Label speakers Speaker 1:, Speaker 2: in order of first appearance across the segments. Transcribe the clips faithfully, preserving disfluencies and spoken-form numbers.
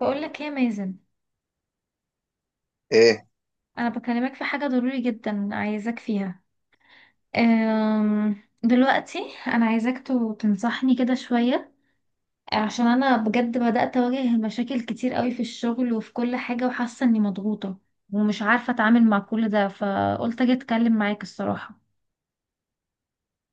Speaker 1: بقول لك ايه يا مازن؟
Speaker 2: ايه.
Speaker 1: انا بكلمك في حاجه ضروري جدا عايزاك فيها. أم، دلوقتي انا عايزاك تو- تنصحني كده شويه. عشان انا بجد بدات اواجه مشاكل كتير قوي في الشغل وفي كل حاجه، وحاسه اني مضغوطه ومش عارفه اتعامل مع كل ده، فقلت اجي اتكلم معاك الصراحه.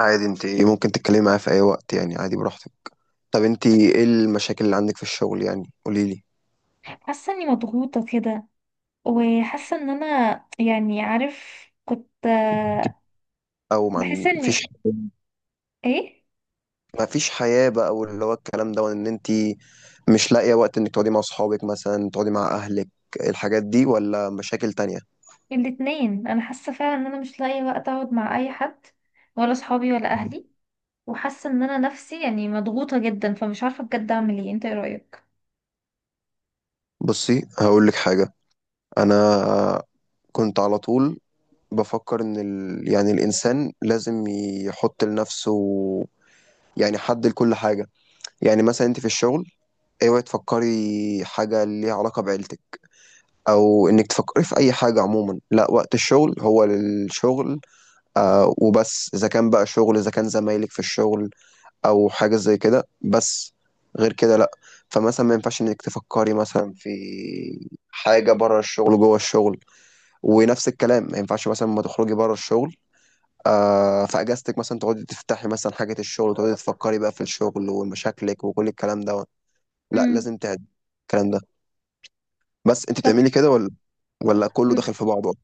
Speaker 2: عادي انت ممكن تتكلمي معايا في اي وقت، يعني عادي براحتك. طب انت ايه المشاكل اللي عندك في الشغل؟ يعني قولي لي.
Speaker 1: حاسه اني مضغوطه كده، وحاسه ان انا يعني عارف كنت آه،
Speaker 2: او
Speaker 1: بحس
Speaker 2: ما فيش؟
Speaker 1: اني ايه.
Speaker 2: ما فيش حياة بقى واللي هو الكلام ده وان انت مش لاقية وقت انك تقعدي مع اصحابك مثلا، تقعدي مع اهلك، الحاجات دي، ولا مشاكل تانية؟
Speaker 1: الاتنين، انا حاسه فعلا ان انا مش لاقي وقت اقعد مع اي حد، ولا صحابي ولا اهلي. وحاسه ان انا نفسي يعني مضغوطه جدا، فمش عارفه بجد اعمل ايه. انت ايه رايك؟
Speaker 2: بصي، هقول لك حاجة. انا كنت على طول بفكر ان ال... يعني الانسان لازم يحط لنفسه، يعني حد لكل حاجة. يعني مثلا انت في الشغل، اوعي تفكري حاجة ليها علاقة بعيلتك، أو إنك تفكري في أي حاجة عموما. لا، وقت الشغل هو للشغل، آه وبس. إذا كان بقى شغل، إذا كان زمايلك في الشغل أو حاجة زي كده، بس. غير كده لا. فمثلا ما ينفعش إنك تفكري مثلا في حاجة بره الشغل جوه الشغل، ونفس الكلام ما ينفعش مثلا ما تخرجي بره الشغل، آه في اجازتك مثلا تقعدي تفتحي مثلا حاجة الشغل وتقعدي تفكري بقى في الشغل ومشاكلك وكل الكلام ده. لا،
Speaker 1: امم.
Speaker 2: لازم تعد الكلام ده. بس انت
Speaker 1: طب.
Speaker 2: بتعملي كده ولا ولا كله
Speaker 1: مم.
Speaker 2: داخل في بعضه؟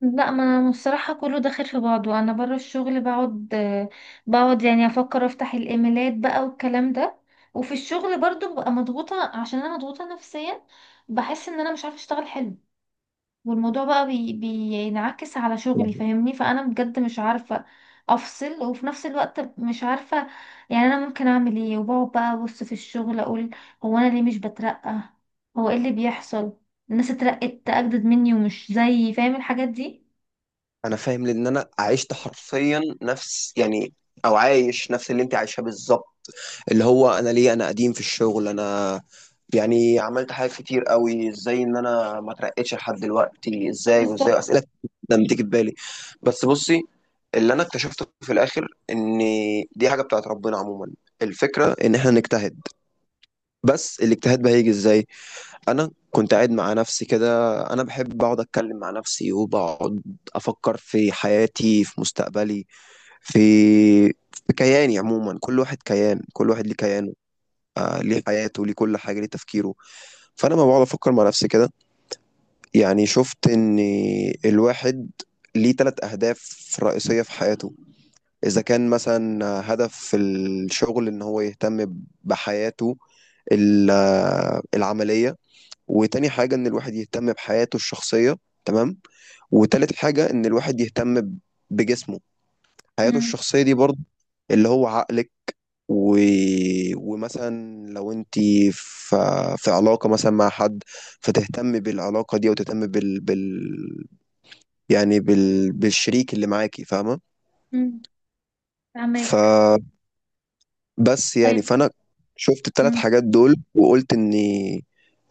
Speaker 1: لا، ما أنا الصراحه كله داخل في بعضه. انا بره الشغل بقعد بقعد يعني افكر، افتح الايميلات بقى والكلام ده. وفي الشغل برضو ببقى مضغوطه، عشان انا مضغوطه نفسيا، بحس ان انا مش عارفه اشتغل حلو. والموضوع بقى بي... بينعكس على شغلي، فاهمني؟ فانا بجد مش عارفه افصل، وفي نفس الوقت مش عارفه يعني انا ممكن اعمل ايه. وبقعد بقى ابص في الشغل اقول: هو انا ليه مش بترقى؟ هو ايه اللي بيحصل؟ الناس اترقت اجدد مني ومش زيي، فاهم الحاجات دي؟
Speaker 2: انا فاهم، لان انا عشت حرفيا نفس، يعني او عايش نفس اللي انت عايشاه بالظبط. اللي هو انا ليه انا قديم في الشغل، انا يعني عملت حاجات كتير قوي، ازاي ان انا ما اترقتش لحد دلوقتي، ازاي؟ وازاي
Speaker 1: بالظبط.
Speaker 2: اسئله كتير جدا بتيجي في بالي. بس بصي، اللي انا اكتشفته في الاخر ان دي حاجه بتاعت ربنا عموما. الفكره ان احنا نجتهد، بس الاجتهاد بقى هيجي ازاي؟ انا كنت قاعد مع نفسي كده، انا بحب اقعد اتكلم مع نفسي وبقعد افكر في حياتي، في مستقبلي، في في كياني عموما. كل واحد كيان، كل واحد ليه كيانه، آه ليه حياته، ليه كل حاجه، ليه تفكيره. فانا ما بقعد افكر مع نفسي كده، يعني شفت ان الواحد ليه ثلاث اهداف رئيسيه في حياته. اذا كان مثلا هدف في الشغل ان هو يهتم بحياته ال- آه، العمليه، وتاني حاجة إن الواحد يهتم بحياته الشخصية، تمام، وتالت حاجة إن الواحد يهتم ب- بجسمه. حياته
Speaker 1: امم.
Speaker 2: الشخصية دي برضه اللي هو عقلك، و... ومثلا لو انت في في علاقة مثلا مع حد، فتهتم بالعلاقة دي وتهتم بال... بال... يعني بال... بالشريك اللي معاكي، فاهمة؟
Speaker 1: امم، فاهمك.
Speaker 2: فبس. يعني
Speaker 1: طيب.
Speaker 2: فأنا شفت الثلاث
Speaker 1: امم.
Speaker 2: حاجات دول، وقلت اني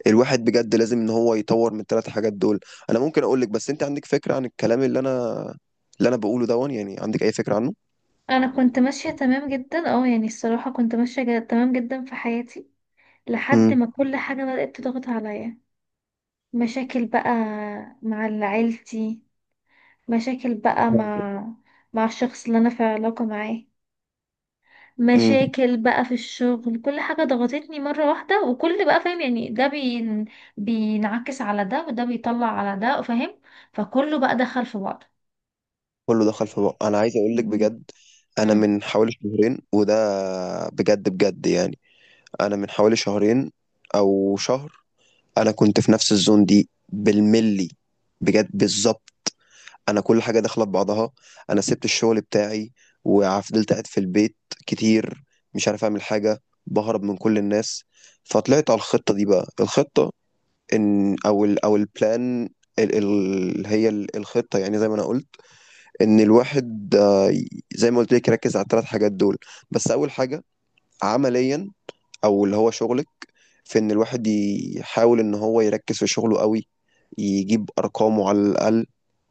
Speaker 2: الواحد بجد لازم ان هو يطور من الثلاث حاجات دول. انا ممكن اقول لك، بس انت عندك فكرة عن الكلام اللي انا اللي انا بقوله دون؟ يعني عندك اي فكرة عنه؟
Speaker 1: انا كنت ماشيه تمام جدا، اه يعني الصراحه كنت ماشيه جد- تمام جدا في حياتي، لحد
Speaker 2: امم
Speaker 1: ما كل حاجه بدات تضغط عليا. مشاكل بقى مع عيلتي، مشاكل بقى مع مع الشخص اللي انا في علاقة معاه،
Speaker 2: امم
Speaker 1: مشاكل بقى في الشغل. كل حاجة ضغطتني مرة واحدة، وكل بقى فاهم يعني ده بين... بينعكس على ده، وده بيطلع على ده، فاهم؟ فكله بقى دخل في بعضه.
Speaker 2: كله دخل في بعض. انا عايز اقول لك
Speaker 1: مم.
Speaker 2: بجد، انا
Speaker 1: امم.
Speaker 2: من حوالي شهرين، وده بجد بجد يعني، انا من حوالي شهرين او شهر، انا كنت في نفس الزون دي بالملي، بجد بالظبط. انا كل حاجه داخله ببعضها، انا سبت الشغل بتاعي وفضلت قاعد في البيت كتير، مش عارف اعمل حاجه، بهرب من كل الناس. فطلعت على الخطه دي. بقى الخطه ان، او ال او البلان، ال ال هي ال- الخطه يعني زي ما انا قلت، ان الواحد، آه، زي ما قلت لك، يركز على الثلاث حاجات دول. بس اول حاجه عمليا، او اللي هو شغلك، في ان الواحد يحاول ان هو يركز في شغله قوي، يجيب ارقامه على الاقل،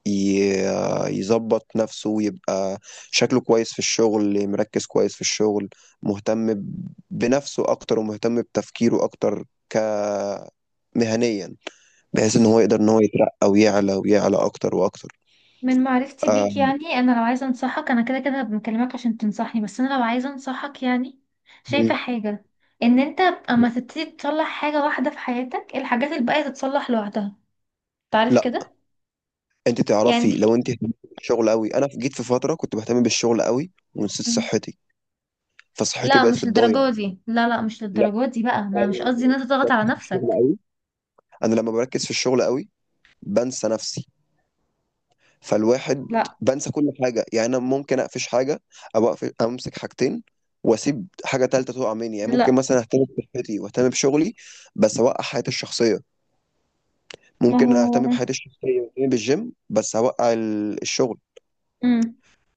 Speaker 2: ي- يظبط نفسه ويبقى شكله كويس في الشغل، مركز كويس في الشغل، مهتم ب- بنفسه أكتر ومهتم بتفكيره أكتر ك مهنيا، بحيث إن
Speaker 1: بص،
Speaker 2: هو يقدر إن هو يترقى ويعلى ويعلى أكتر وأكتر.
Speaker 1: من معرفتي
Speaker 2: آه،
Speaker 1: بيك يعني انا لو عايزه انصحك، انا كده كده بكلمك عشان تنصحني، بس انا لو عايزه انصحك يعني
Speaker 2: م.
Speaker 1: شايفه حاجه: ان انت اما تبتدي تصلح حاجه واحده في حياتك، الحاجات الباقيه تتصلح لوحدها. تعرف
Speaker 2: لا،
Speaker 1: كده؟
Speaker 2: انت تعرفي
Speaker 1: يعني.
Speaker 2: لو انت اهتمتي بالشغل قوي، انا جيت في فتره كنت بهتم بالشغل قوي ونسيت
Speaker 1: مم.
Speaker 2: صحتي، فصحتي
Speaker 1: لا،
Speaker 2: بقت في
Speaker 1: مش
Speaker 2: الضايع.
Speaker 1: للدرجه دي، لا لا مش
Speaker 2: لا،
Speaker 1: للدرجه دي بقى، ما
Speaker 2: انا
Speaker 1: مش قصدي
Speaker 2: لما
Speaker 1: ان انت
Speaker 2: بركز
Speaker 1: تضغط على
Speaker 2: في الشغل
Speaker 1: نفسك.
Speaker 2: قوي، انا لما بركز في الشغل قوي بنسى نفسي. فالواحد
Speaker 1: لا.
Speaker 2: بنسى كل حاجة، يعني أنا ممكن أقفش حاجة، أو أقفش أمسك حاجتين وأسيب حاجة تالتة تقع مني. يعني ممكن
Speaker 1: لا.
Speaker 2: مثلا أهتم بصحتي وأهتم بشغلي بس أوقع حياتي الشخصية،
Speaker 1: ما
Speaker 2: ممكن
Speaker 1: هو.
Speaker 2: أهتم بحياتي الشخصية وأهتم بالجيم بس أوقع ال- الشغل.
Speaker 1: امم.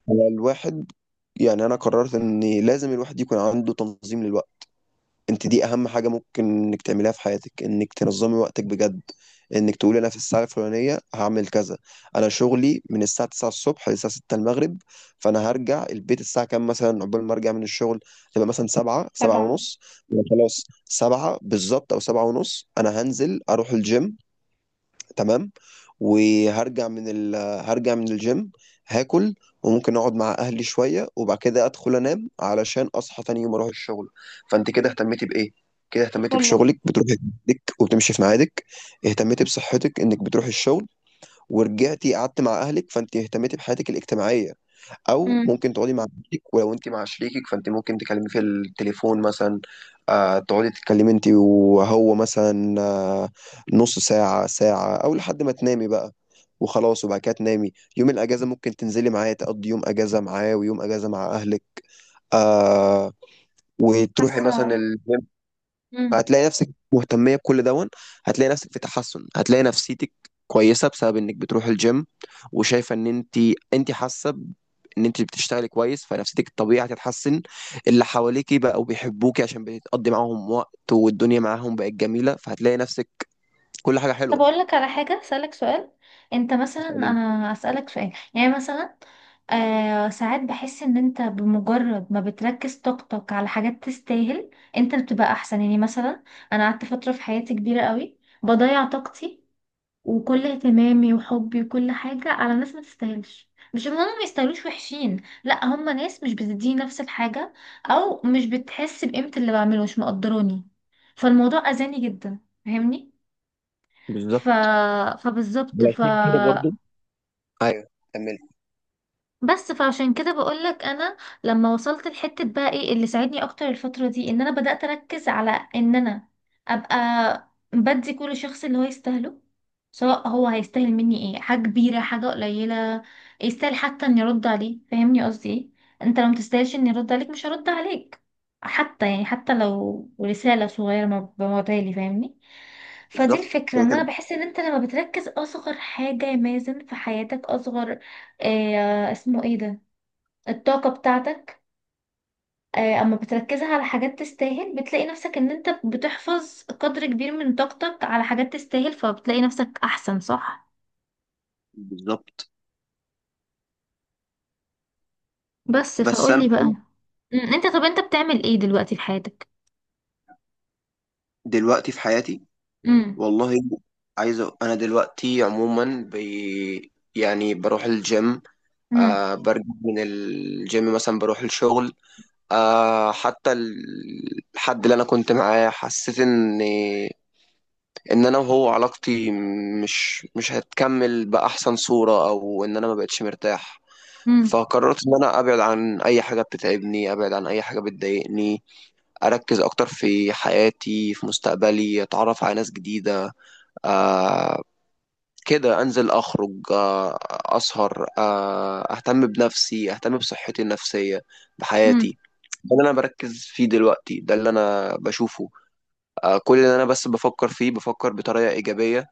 Speaker 2: الواحد، يعني أنا قررت إن لازم الواحد يكون عنده تنظيم للوقت. انت دي اهم حاجه ممكن انك تعمليها في حياتك، انك تنظمي وقتك بجد، انك تقولي انا في الساعه الفلانيه هعمل كذا. انا شغلي من الساعه تسعة الصبح للساعه ستة المغرب. فانا هرجع البيت الساعه كام مثلا؟ عقبال ما ارجع من الشغل تبقى مثلا سبعة، سبعة
Speaker 1: تبعه.
Speaker 2: ونص. يبقى خلاص سبعة بالظبط او سبعة ونص انا هنزل اروح الجيم. تمام. وهرجع من ال... هرجع من الجيم، هاكل، وممكن اقعد مع اهلي شويه، وبعد كده ادخل انام علشان اصحى تاني يوم اروح الشغل. فانت كده اهتمتي بايه؟ كده اهتمتي
Speaker 1: كله.
Speaker 2: بشغلك، بتروحي ميعادك وبتمشي في ميعادك. اهتمتي بصحتك انك بتروحي الشغل، ورجعتي قعدت مع اهلك فانت اهتمتي بحياتك الاجتماعيه، او
Speaker 1: امم.
Speaker 2: ممكن تقعدي مع شريكك. ولو انت مع شريكك فانت ممكن تكلمي في التليفون مثلا، آه تقعدي تتكلمي انت وهو مثلا، آه نص ساعة، ساعة، او لحد ما تنامي بقى، وخلاص. وبعد كده تنامي. يوم الاجازة ممكن تنزلي معاه تقضي يوم اجازة معاه، ويوم اجازة مع اهلك، آه وتروحي
Speaker 1: حاسه.
Speaker 2: مثلا الجيم.
Speaker 1: مم.
Speaker 2: فهتلاقي نفسك مهتمية بكل دون، هتلاقي نفسك في تحسن، هتلاقي نفسيتك كويسة بسبب انك بتروح الجيم، وشايفة ان انت انت حاسة ب- ان انت بتشتغلي كويس، فنفسيتك الطبيعي هتتحسن. اللي حواليكي بقوا بيحبوكي عشان بتقضي معاهم وقت، والدنيا معاهم بقت جميلة، فهتلاقي نفسك كل حاجة حلوة.
Speaker 1: طب اقول لك على حاجه، اسالك سؤال، انت مثلا،
Speaker 2: تسأليني.
Speaker 1: انا اسالك سؤال يعني مثلا، آه ساعات بحس ان انت بمجرد ما بتركز طاقتك على حاجات تستاهل، انت بتبقى احسن. يعني مثلا انا قعدت فتره في حياتي كبيره قوي بضيع طاقتي وكل اهتمامي وحبي وكل حاجه على ناس ما تستاهلش. مش ان هم ما يستاهلوش وحشين، لا، هم ناس مش بتديني نفس الحاجه، او مش بتحس بقيمه اللي بعمله، مش مقدراني. فالموضوع اذاني جدا، فاهمني؟ ف...
Speaker 2: بالظبط
Speaker 1: فبالظبط. ف
Speaker 2: علشان كده برضو. ايوه، كملي.
Speaker 1: بس فعشان كده بقولك، انا لما وصلت لحتة بقى، ايه اللي ساعدني اكتر الفترة دي؟ ان انا بدأت اركز على ان انا ابقى بدي كل شخص اللي هو يستاهله. سواء هو هيستاهل مني ايه، حاجة كبيرة، حاجة قليلة، يستاهل حتى اني ارد عليه. فاهمني قصدي ايه؟ انت لو متستاهلش اني ارد عليك مش هرد عليك، حتى يعني حتى لو رسالة صغيرة ما ببعتها لي، فاهمني؟ فدي
Speaker 2: بالظبط
Speaker 1: الفكرة،
Speaker 2: كده
Speaker 1: ان انا
Speaker 2: كده،
Speaker 1: بحس ان انت لما بتركز اصغر حاجة يا مازن في حياتك، اصغر آه اسمه ايه ده، الطاقة بتاعتك، آه اما بتركزها على حاجات تستاهل، بتلاقي نفسك ان انت بتحفظ قدر كبير من طاقتك على حاجات تستاهل، فبتلاقي نفسك احسن، صح؟
Speaker 2: بالظبط.
Speaker 1: بس
Speaker 2: بس
Speaker 1: فقولي
Speaker 2: انا
Speaker 1: بقى. مم. انت طب انت بتعمل ايه دلوقتي في حياتك؟
Speaker 2: دلوقتي في حياتي،
Speaker 1: امم.
Speaker 2: والله، عايز أ- انا دلوقتي عموما بي يعني بروح الجيم،
Speaker 1: امم.
Speaker 2: آه برجع من الجيم مثلا بروح الشغل. آه حتى ال- الحد اللي انا كنت معاه حسيت ان ان انا وهو علاقتي مش مش هتكمل باحسن صورة، او ان انا ما بقتش مرتاح.
Speaker 1: امم.
Speaker 2: فقررت ان انا ابعد عن اي حاجة بتتعبني، ابعد عن اي حاجة بتضايقني، اركز اكتر في حياتي، في مستقبلي، اتعرف على ناس جديدة، آه، كده انزل اخرج، آه، اسهر، آه، اهتم بنفسي، اهتم بصحتي النفسية،
Speaker 1: امم.
Speaker 2: بحياتي. ده اللي انا بركز فيه دلوقتي، ده اللي انا بشوفه. آه، كل اللي انا بس بفكر فيه، بفكر بطريقة ايجابية،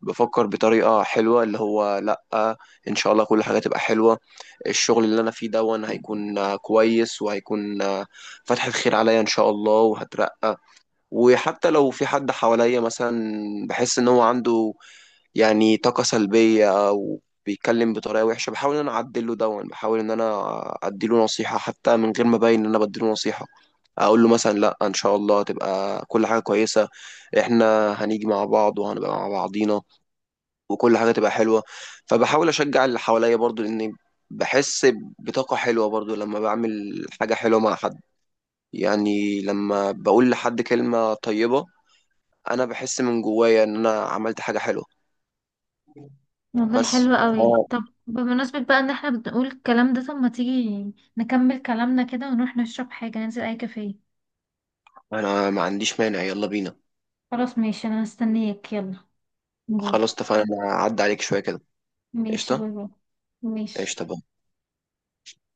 Speaker 2: بفكر بطريقة حلوة، اللي هو لا، آه، ان شاء الله كل حاجة تبقى حلوة. الشغل اللي انا فيه دون هيكون آه، كويس، وهيكون آه، فتحة خير عليا ان شاء الله، وهترقى. وحتى لو في حد حواليا مثلا بحس ان هو عنده يعني طاقة سلبية أو بيتكلم بطريقة وحشة، بحاول إن أنا أعدله دون، بحاول إن أنا أديله نصيحة حتى من غير ما أبين إن أنا بديله نصيحة. أقول له مثلا لأ، إن شاء الله هتبقى كل حاجة كويسة، إحنا هنيجي مع بعض وهنبقى مع بعضينا، وكل حاجة تبقى حلوة. فبحاول أشجع اللي حواليا برضو، لأن بحس بطاقة حلوة برضو لما بعمل حاجة حلوة مع حد، يعني لما بقول لحد كلمة طيبة أنا بحس من جوايا إن أنا عملت حاجة حلوة.
Speaker 1: والله
Speaker 2: بس
Speaker 1: حلو قوي. طب بمناسبة بقى ان احنا بنقول الكلام ده، طب ما تيجي نكمل كلامنا كده ونروح نشرب حاجة، ننزل اي كافيه.
Speaker 2: انا ما عنديش مانع، يلا بينا.
Speaker 1: خلاص ماشي، انا هستنيك. يلا باي.
Speaker 2: خلاص اتفقنا، انا هعدي عليك شويه كده.
Speaker 1: ماشي
Speaker 2: قشطه.
Speaker 1: باي باي. ماشي.
Speaker 2: قشطه. باي.